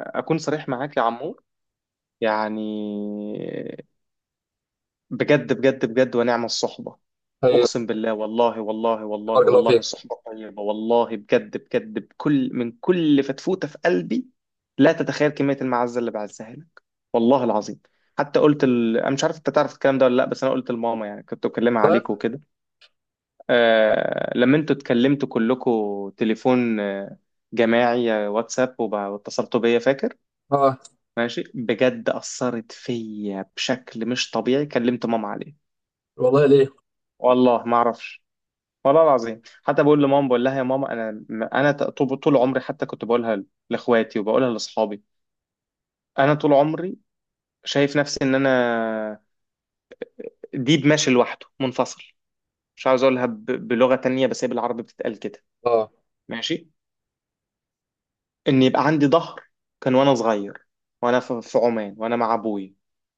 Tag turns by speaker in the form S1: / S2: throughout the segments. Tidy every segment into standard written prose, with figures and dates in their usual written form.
S1: أكون صريح معاك يا عمور. يعني بجد بجد بجد، ونعم الصحبة.
S2: ايوه.
S1: أقسم بالله، والله والله والله
S2: بارك الله
S1: والله
S2: فيك.
S1: صحبة طيبة، والله بجد بجد، من كل فتفوتة في قلبي. لا تتخيل كمية المعزة اللي بعزها لك، والله العظيم. حتى أنا مش عارف أنت تعرف الكلام ده ولا لأ، بس أنا قلت لماما، يعني كنت بكلمها
S2: طيب.
S1: عليك وكده. لما أنتوا اتكلمتوا كلكوا تليفون جماعي، واتساب، واتصلتوا بيا، فاكر؟
S2: اه،
S1: ماشي، بجد أثرت فيا بشكل مش طبيعي، كلمت ماما عليه.
S2: والله ليه.
S1: والله ما أعرفش. والله العظيم، حتى بقول لماما، بقول لها: يا ماما، أنا طول عمري، حتى كنت بقولها لإخواتي، وبقولها لأصحابي، أنا طول عمري شايف نفسي إن أنا ديب ماشي لوحده منفصل. مش عاوز أقولها بلغة تانية، بس هي بالعربي بتتقال كده.
S2: اه.
S1: ماشي، إن يبقى عندي ظهر. كان وأنا صغير، وأنا في عمان، وأنا مع أبويا.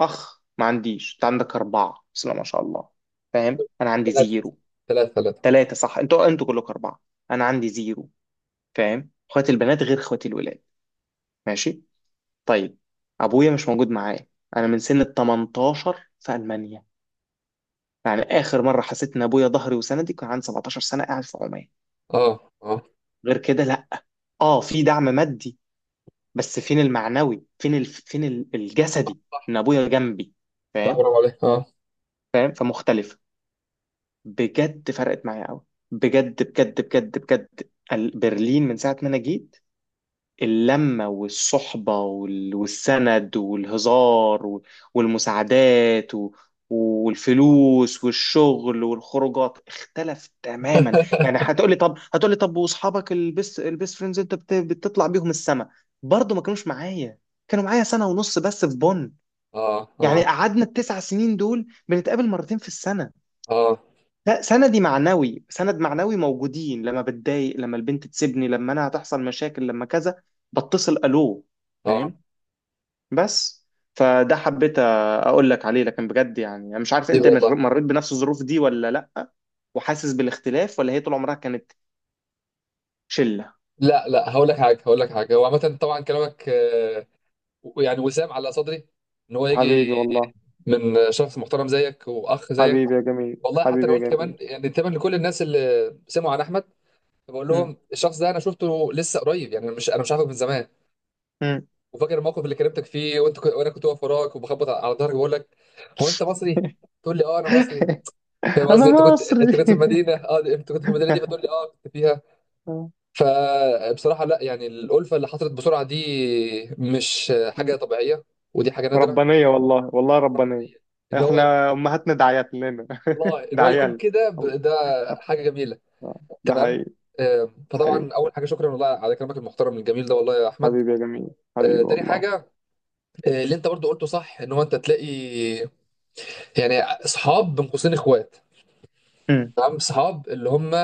S1: أخ ما عنديش، أنت عندك أربعة، بسم الله ما شاء الله. فاهم؟ أنا عندي
S2: ثلاثة،
S1: زيرو.
S2: ثلاثة، ثلاثة.
S1: ثلاثة صح، انتوا كلكم أربعة، أنا عندي زيرو. فاهم؟ اخواتي البنات غير اخواتي الولاد. ماشي، طيب، أبويا مش موجود معايا. أنا من سن ال 18 في ألمانيا. يعني آخر مرة حسيت إن أبويا ظهري وسندي كان عندي 17 سنة قاعد في عمان.
S2: اه، اه،
S1: غير كده لأ. أه في دعم مادي، بس فين المعنوي، الجسدي، إن أبويا جنبي.
S2: صح،
S1: فاهم؟
S2: برافو عليك. اه.
S1: فاهم فمختلفة. بجد فرقت معايا قوي. بجد بجد بجد بجد برلين من ساعة ما أنا جيت، اللمة والصحبة والسند والهزار والمساعدات والفلوس والشغل والخروجات، اختلف تماما. يعني هتقولي طب، هتقولي طب واصحابك البيست فريندز انت بتطلع بيهم السما، برضه ما كانوش معايا، كانوا معايا سنة ونص بس في بونن.
S2: اه،
S1: يعني
S2: اه،
S1: قعدنا التسع سنين دول بنتقابل مرتين في السنة.
S2: اه،
S1: لا سندي معنوي، سند معنوي موجودين لما بتضايق، لما البنت تسيبني، لما انا هتحصل مشاكل، لما كذا، بتصل الو.
S2: اه.
S1: فاهم؟ بس فده حبيت اقول لك عليه. لكن بجد يعني انا مش عارف
S2: ايه
S1: انت
S2: والله.
S1: مريت بنفس الظروف دي ولا لا، وحاسس بالاختلاف، ولا هي طول عمرها كانت شلة؟
S2: لا، لا، هقول لك حاجه، هقول لك حاجه. هو عامه طبعا كلامك، يعني وسام على صدري ان هو يجي
S1: حبيبي والله،
S2: من شخص محترم زيك واخ زيك.
S1: حبيبي يا جميل،
S2: والله حتى
S1: حبيبي
S2: انا
S1: يا
S2: قلت كمان،
S1: جميل.
S2: يعني تقريبا لكل الناس اللي سمعوا عن احمد بقول
S1: مم.
S2: لهم الشخص ده انا شفته لسه قريب، يعني مش، انا مش عارفه من زمان.
S1: مم.
S2: وفاكر الموقف اللي كلمتك فيه، وانت كنت، وانا كنت واقف وراك وبخبط على ظهرك بقول لك: هو انت مصري؟ تقول لي: اه انا مصري. فاهم
S1: انا
S2: قصدي؟ انت كنت، انت
S1: مصري.
S2: كنت في المدينه، اه، انت كنت في المدينه دي، فتقول لي اه كنت فيها. فبصراحه لا، يعني الالفه اللي حصلت بسرعه دي مش حاجه
S1: مم.
S2: طبيعيه، ودي حاجه نادره.
S1: ربانية والله، والله ربانية.
S2: ان هو،
S1: احنا امهاتنا دعيات لنا.
S2: الله، ان هو يكون
S1: دعيال.
S2: كده ده حاجه جميله.
S1: آه، ده
S2: تمام.
S1: حقيقي، ده حقيقي.
S2: فطبعا اول حاجه شكرا والله على كلامك المحترم الجميل ده والله يا احمد.
S1: حبيبي يا جميل، حبيبي
S2: تاني
S1: والله.
S2: حاجه، اللي انت برضو قلته صح ان هو انت تلاقي يعني اصحاب بين قوسين اخوات.
S1: مم،
S2: تمام، صحاب اللي هم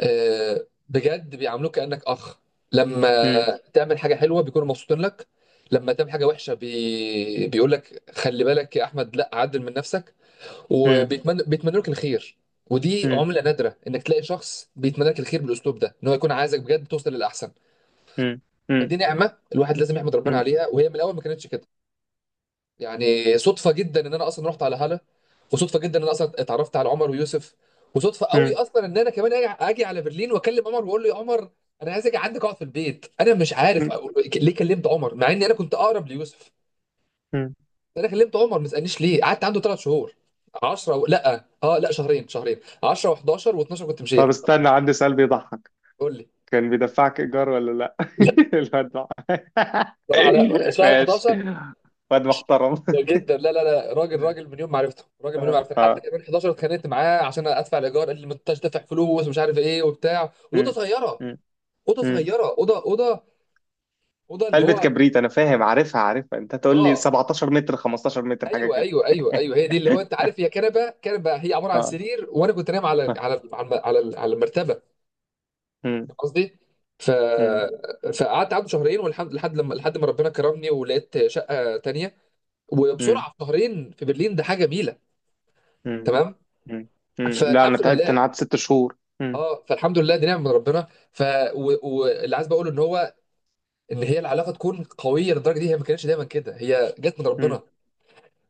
S2: بجد بيعاملوك كانك اخ. لما
S1: مم،
S2: تعمل حاجه حلوه بيكونوا مبسوطين لك، لما تعمل حاجه وحشه بيقول لك خلي بالك يا احمد لا عدل من نفسك.
S1: مم،
S2: وبيتمنى لك الخير. ودي
S1: مم،
S2: عمله نادره انك تلاقي شخص بيتمنى لك الخير بالاسلوب ده، ان هو يكون عايزك بجد توصل للاحسن.
S1: مم، مم،
S2: فدي نعمه الواحد لازم يحمد ربنا
S1: مم،
S2: عليها، وهي من الاول ما كانتش كده. يعني صدفه جدا ان انا اصلا رحت على هاله، وصدفه جدا ان انا اصلا اتعرفت على عمر ويوسف، وصدفه قوي
S1: مم،
S2: اصلا ان انا كمان اجي على برلين واكلم عمر واقول له يا عمر انا عايز اجي عندك اقعد في البيت. انا مش عارف
S1: مم،
S2: ليه كلمت عمر مع اني انا كنت اقرب ليوسف.
S1: مم.
S2: انا كلمت عمر، ما تسالنيش ليه. قعدت عنده 3 شهور، 10 و... لا، اه، لا، شهرين، شهرين، 10 و11 و12 كنت
S1: طب
S2: مشيت.
S1: استنى، عندي سؤال بيضحك:
S2: قول لي.
S1: كان بيدفعك ايجار ولا لا؟
S2: لا،
S1: الواد ده.
S2: لا، لا، شهر
S1: ماشي،
S2: 11.
S1: واد محترم.
S2: وجدا، لا، لا، لا، راجل، راجل من يوم ما عرفته، راجل من يوم ما
S1: آه،
S2: عرفته. حتى
S1: آه.
S2: كمان 11 اتخانقت معاه عشان ادفع الايجار، قال لي ما انتش دافع فلوس ومش عارف ايه وبتاع، والاوضه
S1: مم،
S2: صغيره. اوضه
S1: مم،
S2: صغيره، اوضه، اوضه، اوضه اللي
S1: علبة
S2: هو،
S1: كبريت، أنا فاهم، عارفها عارفها، أنت تقول لي
S2: اه.
S1: 17 متر، 15 متر، حاجة
S2: ايوه،
S1: كده.
S2: ايوه، ايوه، ايوه، هي دي. اللي هو انت عارف، هي كنبه، كنبه، هي عباره عن
S1: اه،
S2: سرير، وانا كنت نايم على
S1: آه.
S2: على على على, على المرتبه.
S1: مم.
S2: فاهم قصدي؟ ف
S1: مم.
S2: فقعدت عنده شهرين، والحمد لحد ما ربنا كرمني ولقيت شقه تانيه.
S1: مم.
S2: وبسرعه، في شهرين في برلين، ده حاجه جميله.
S1: مم.
S2: تمام؟
S1: مم. مم. لا أنا
S2: فالحمد
S1: تعبت، أنا
S2: لله.
S1: قعدت ست شهور. مم.
S2: اه، فالحمد لله. دي نعمه من ربنا. واللي عايز بقوله ان هو ان هي العلاقه تكون قويه للدرجه دي، هي ما كانتش دايما كده، هي جت من
S1: مم.
S2: ربنا.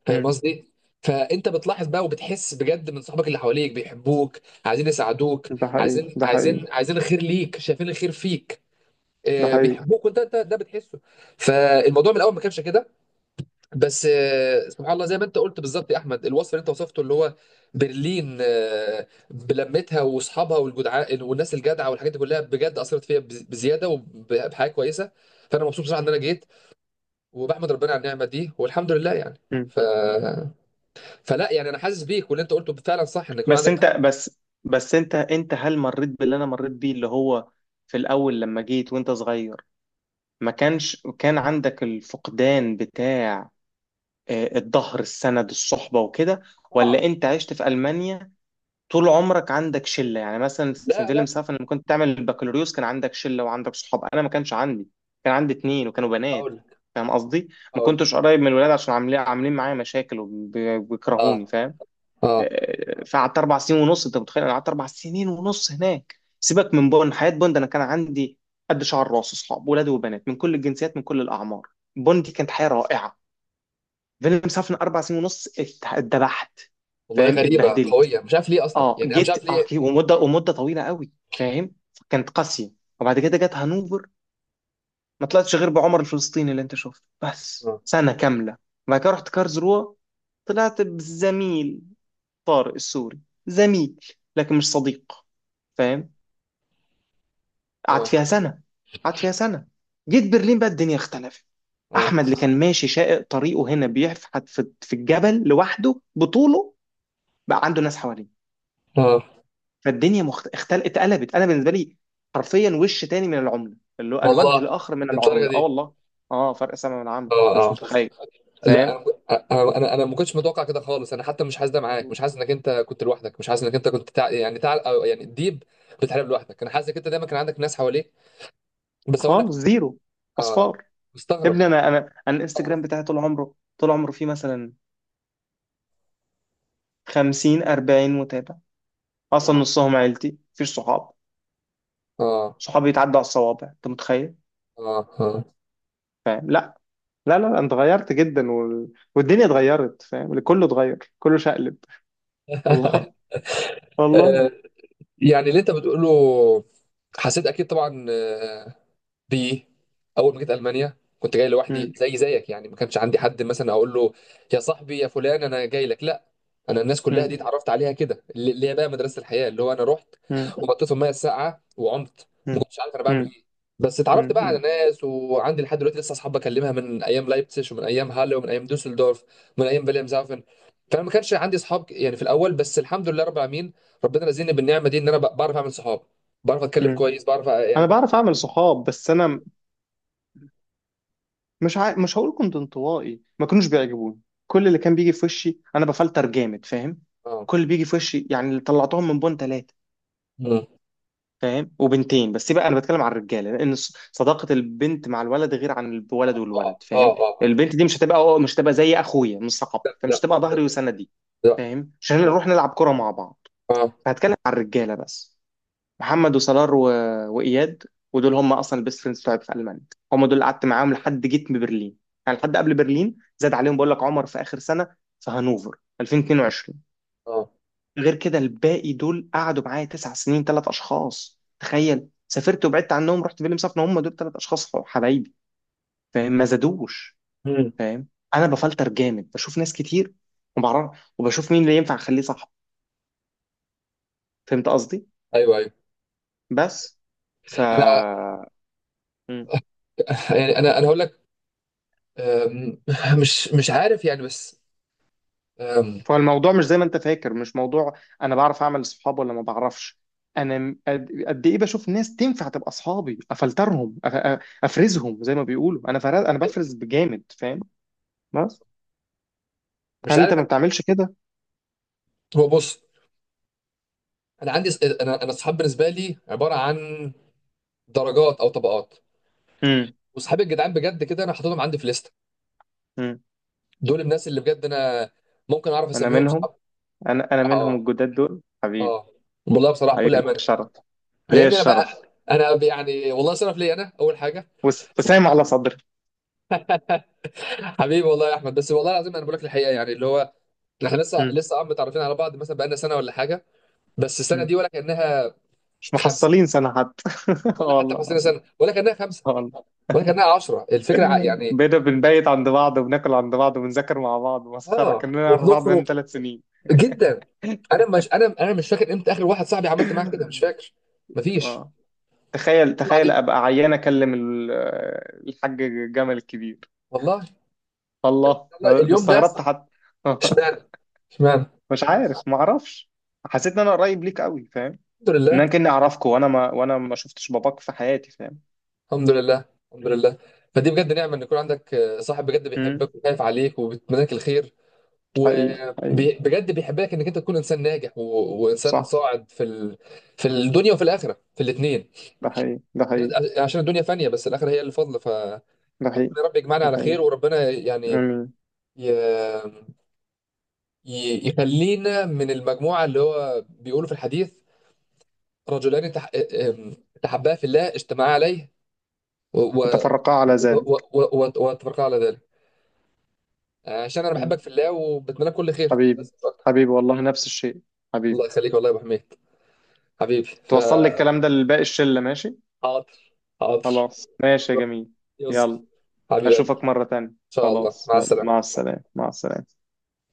S2: فاهم
S1: مم.
S2: قصدي؟ فانت بتلاحظ بقى وبتحس بجد من صحابك اللي حواليك بيحبوك، عايزين يساعدوك،
S1: ده حقيقي،
S2: عايزين،
S1: ده حقيقي،
S2: عايزين الخير ليك، شايفين الخير فيك،
S1: ده حقيقي.
S2: بيحبوك. وانت، انت ده بتحسه. فالموضوع من الاول ما كانش كده. بس سبحان الله زي ما انت قلت بالظبط يا احمد، الوصف اللي انت وصفته اللي هو برلين، بلمتها واصحابها والجدعاء والناس الجدعه والحاجات دي كلها بجد اثرت فيا بزياده وبحاجه كويسه. فانا مبسوط بصراحه ان انا جيت، وبحمد ربنا على النعمه دي، والحمد لله يعني.
S1: مم.
S2: ف... فلا، يعني انا حاسس بيك، واللي انت قلته فعلا صح ان يكون
S1: بس أنت
S2: عندك.
S1: بس بس أنت أنت هل مريت باللي أنا مريت بيه، اللي هو في الأول لما جيت وأنت صغير، ما كانش كان عندك الفقدان بتاع، آه، الظهر، السند، الصحبة وكده؟
S2: طبعا.
S1: ولا أنت عشت في ألمانيا طول عمرك عندك شله؟ يعني مثلا في
S2: لا،
S1: فيلم
S2: لا،
S1: سافن لما كنت تعمل البكالوريوس كان عندك شله وعندك صحاب، انا ما كانش عندي، كان عندي اتنين وكانوا بنات.
S2: اقول لك،
S1: فاهم قصدي؟ ما
S2: اقول لك.
S1: كنتش قريب من الولاد عشان عاملين معايا مشاكل
S2: اه.
S1: وبيكرهوني. فاهم؟
S2: اه
S1: آه، فقعدت اربع سنين ونص، انت متخيل؟ انا قعدت اربع سنين ونص هناك. سيبك من بون، حياه بون ده انا كان عندي قد شعر راس اصحاب، ولاد وبنات، من كل الجنسيات، من كل الاعمار. بون دي كانت حياه رائعه. فيلم سافن اربع سنين ونص اتدبحت.
S2: والله.
S1: فاهم؟
S2: غريبه
S1: اتبهدلت.
S2: قويه، مش عارف ليه اصلا،
S1: اه
S2: يعني انا مش عارف
S1: جيت، اه
S2: ليه.
S1: ومده ومده طويله قوي. فاهم؟ كانت قاسيه. وبعد كده جت هانوفر، ما طلعتش غير بعمر الفلسطيني اللي انت شفته، بس
S2: اه،
S1: سنه كامله. وبعد كده رحت كارلسروه، طلعت بزميل، طارق السوري، زميل لكن مش صديق، فاهم؟ قعدت
S2: اه،
S1: فيها سنه، قعدت فيها سنه. جيت برلين بقى الدنيا اختلفت.
S2: اه،
S1: احمد اللي كان ماشي شائق طريقه هنا بيحفحت في الجبل لوحده بطوله، بقى عنده ناس حواليه.
S2: آه.
S1: فالدنيا اتقلبت انا بالنسبه لي، حرفيا وش تاني من العمله، اللي هو الوجه
S2: والله،
S1: الاخر من
S2: للدرجه
S1: العمله. اه
S2: دي؟
S1: والله. اه، فرق سما من العمى، انت
S2: اه،
S1: مش متخيل.
S2: لا.
S1: فاهم؟
S2: انا ما كنتش متوقع كده خالص. انا حتى مش حاسس ده معاك. مش حاسس انك انت كنت لوحدك، مش حاسس انك انت كنت تع... يعني تع... أو يعني ديب بتحارب لوحدك. انا حاسس انك انت دايما كان عندك ناس حواليك. بس اقول لك
S1: خالص
S2: لا.
S1: زيرو،
S2: اه.
S1: اصفار. يا
S2: مستغرب.
S1: ابني، انا
S2: مستغرب.
S1: الانستجرام بتاعي طول عمره فيه مثلا 50 40 متابع، اصلا
S2: اه،
S1: نصهم عيلتي، مفيش صحاب.
S2: اه،
S1: صحابي يتعدوا على الصوابع، انت متخيل؟
S2: اه،
S1: فاهم؟ لا لا لا لا، انت اتغيرت جدا، والدنيا اتغيرت. فاهم؟ كله اتغير، كله شقلب. والله، والله.
S2: آه. يعني اللي انت بتقوله حسيت اكيد طبعا. بيه. اول ما جيت المانيا كنت جاي لوحدي زي زيك، يعني ما كانش عندي حد مثلا اقول له يا صاحبي يا فلان، انا جاي لك، لا. انا الناس كلها دي
S1: امم.
S2: اتعرفت عليها كده، اللي هي بقى مدرسه الحياه اللي هو انا رحت وحطيت في الميه الساقعه وعمت. ما
S1: مم.
S2: كنتش عارف انا بعمل
S1: مم.
S2: ايه. بس اتعرفت
S1: مم.
S2: بقى على
S1: مم.
S2: ناس، وعندي لحد دلوقتي لسه اصحاب بكلمها من ايام لايبتسش ومن ايام هاlle ومن ايام دوسلدورف ومن ايام فيليامزهافن. فانا ما كانش عندي اصحاب يعني في الاول، بس الحمد لله رب العالمين، ربنا رزقني بالنعمه دي ان انا بعرف اعمل صحاب، بعرف اتكلم
S1: مم.
S2: كويس، بعرف يعني
S1: انا
S2: اكون
S1: بعرف
S2: كويس.
S1: اعمل صحاب، بس انا مش هقول كنت انطوائي، ما كانوش بيعجبوني. كل اللي كان بيجي في وشي انا بفلتر جامد. فاهم؟
S2: اه.
S1: كل اللي بيجي في وشي يعني، اللي طلعتهم من بون ثلاثه.
S2: مم.
S1: فاهم؟ وبنتين بس بقى. انا بتكلم عن الرجاله، لان صداقه البنت مع الولد غير عن
S2: اه،
S1: الولد والولد. فاهم؟
S2: اه، اه،
S1: البنت دي مش هتبقى زي اخويا، مش صاحب، فمش
S2: لا،
S1: هتبقى ظهري وسندي.
S2: لا.
S1: فاهم؟ مش هنروح نلعب كره مع بعض.
S2: اه،
S1: فهتكلم عن الرجاله بس: محمد، وصلاح، و... واياد. ودول هم اصلا البيست فريندز بتوعي في المانيا. هم دول اللي قعدت معاهم لحد جيت من برلين. يعني لحد قبل برلين، زاد عليهم بقول لك عمر في اخر سنه في هانوفر 2022.
S2: اه.
S1: غير كده الباقي دول قعدوا معايا تسع سنين، ثلاث اشخاص، تخيل. سافرت وبعدت عنهم، رحت فيلم سفن، هم دول ثلاث اشخاص حبايبي. فاهم؟ ما زادوش.
S2: مم.
S1: فاهم؟ انا بفلتر جامد، بشوف ناس كتير، وبعرف وبشوف مين اللي ينفع اخليه صاحبي. فهمت قصدي؟
S2: ايوه، ايوه.
S1: بس. ف،
S2: انا، يعني انا هقول لك، أم، مش عارف يعني، بس، أم،
S1: فالموضوع مش زي ما انت فاكر، مش موضوع انا بعرف اعمل صحاب ولا ما بعرفش. انا قد ايه بشوف ناس تنفع تبقى اصحابي، افلترهم، افرزهم، زي ما بيقولوا انا فرز، انا بفرز بجامد. فاهم؟ بس،
S2: مش
S1: هل انت ما
S2: عارف.
S1: بتعملش كده؟
S2: هو بص، انا عندي، انا الصحاب بالنسبه لي عباره عن درجات او طبقات.
S1: امم.
S2: وصحابي الجدعان بجد كده انا حاططهم عندي في ليست.
S1: امم.
S2: دول الناس اللي بجد انا ممكن اعرف
S1: انا
S2: اسميهم
S1: منهم
S2: صحاب.
S1: انا انا
S2: بصراحه
S1: منهم
S2: اه.
S1: الجداد دول، حبيبي.
S2: اه، والله بصراحه
S1: حبيبي،
S2: بكل
S1: ليا
S2: امانه.
S1: الشرف،
S2: يا
S1: ليا
S2: ابني انا بقى،
S1: الشرف،
S2: انا يعني والله صرف لي، انا اول حاجه.
S1: وسام على صدري.
S2: حبيبي، والله يا احمد، بس والله العظيم انا بقول لك الحقيقه يعني اللي هو، احنا لسه
S1: امم.
S2: لسه عم متعرفين على بعض، مثلا بقالنا سنه ولا حاجه. بس السنه
S1: امم.
S2: دي ولا كانها
S1: مش
S2: خمسه،
S1: محصلين سنة حتى. اه
S2: ولا حتى
S1: والله
S2: 50
S1: العظيم،
S2: سنه ولا كانها خمسه.
S1: اه والله.
S2: وانا كان معايا 10، الفكره يعني.
S1: بقينا بنبيت عند بعض وبناكل عند بعض وبنذاكر مع بعض، مسخرة،
S2: اه،
S1: كنا نعرف بعض
S2: وبنخرج
S1: بقالنا ثلاث سنين.
S2: جدا. انا مش، انا مش فاكر امتى اخر واحد صاحبي عملت معاه كده. مش فاكر. مفيش.
S1: اه، تخيل
S2: طلع
S1: تخيل
S2: عليه.
S1: ابقى عيان اكلم الحاج جمل الكبير.
S2: والله.
S1: الله،
S2: والله
S1: آه،
S2: اليوم ده.
S1: استغربت حتى.
S2: اشمعنى؟ اشمعنى؟
S1: مش عارف، ما اعرفش، حسيت ان انا قريب ليك قوي. فاهم؟
S2: الحمد
S1: ان
S2: لله.
S1: انا كاني اعرفك، وانا ما شفتش باباك في حياتي. فاهم؟
S2: الحمد لله. الحمد لله. فدي بجد نعمه ان يكون عندك صاحب بجد
S1: امم.
S2: بيحبك وخايف عليك وبيتمناك الخير،
S1: حقيقي حقيقي.
S2: وبجد بيحبك انك انت تكون انسان ناجح و... وانسان
S1: صح.
S2: صاعد في ال... في الدنيا وفي الاخره، في الاثنين.
S1: ده حقيقي، ده حقيقي،
S2: عشان الدنيا فانيه بس الاخره هي اللي فاضله.
S1: ده حقيقي،
S2: يا رب يجمعنا
S1: ده
S2: على
S1: حقيقي.
S2: خير. وربنا يعني
S1: امم.
S2: ي... يخلينا من المجموعة اللي هو بيقولوا في الحديث: رجلان ام- تحبا في الله اجتمعا عليه و... و...
S1: وتفرقا على ذلك.
S2: و... وتفرقا على ذلك. عشان أنا بحبك في الله وبتمنى لك كل خير،
S1: حبيبي،
S2: بس مش أكتر.
S1: حبيبي والله، نفس الشيء، حبيبي.
S2: الله يخليك والله يا أبو حميد. حبيبي.
S1: توصل لي الكلام ده لباقي الشلة، ماشي؟
S2: حاضر. حاضر.
S1: خلاص ماشي يا جميل.
S2: يوصل.
S1: يلا،
S2: حبيب قلبي.
S1: أشوفك مرة تانية.
S2: إن شاء الله،
S1: خلاص،
S2: مع
S1: يلا، مع
S2: السلامة.
S1: السلامة، مع السلامة.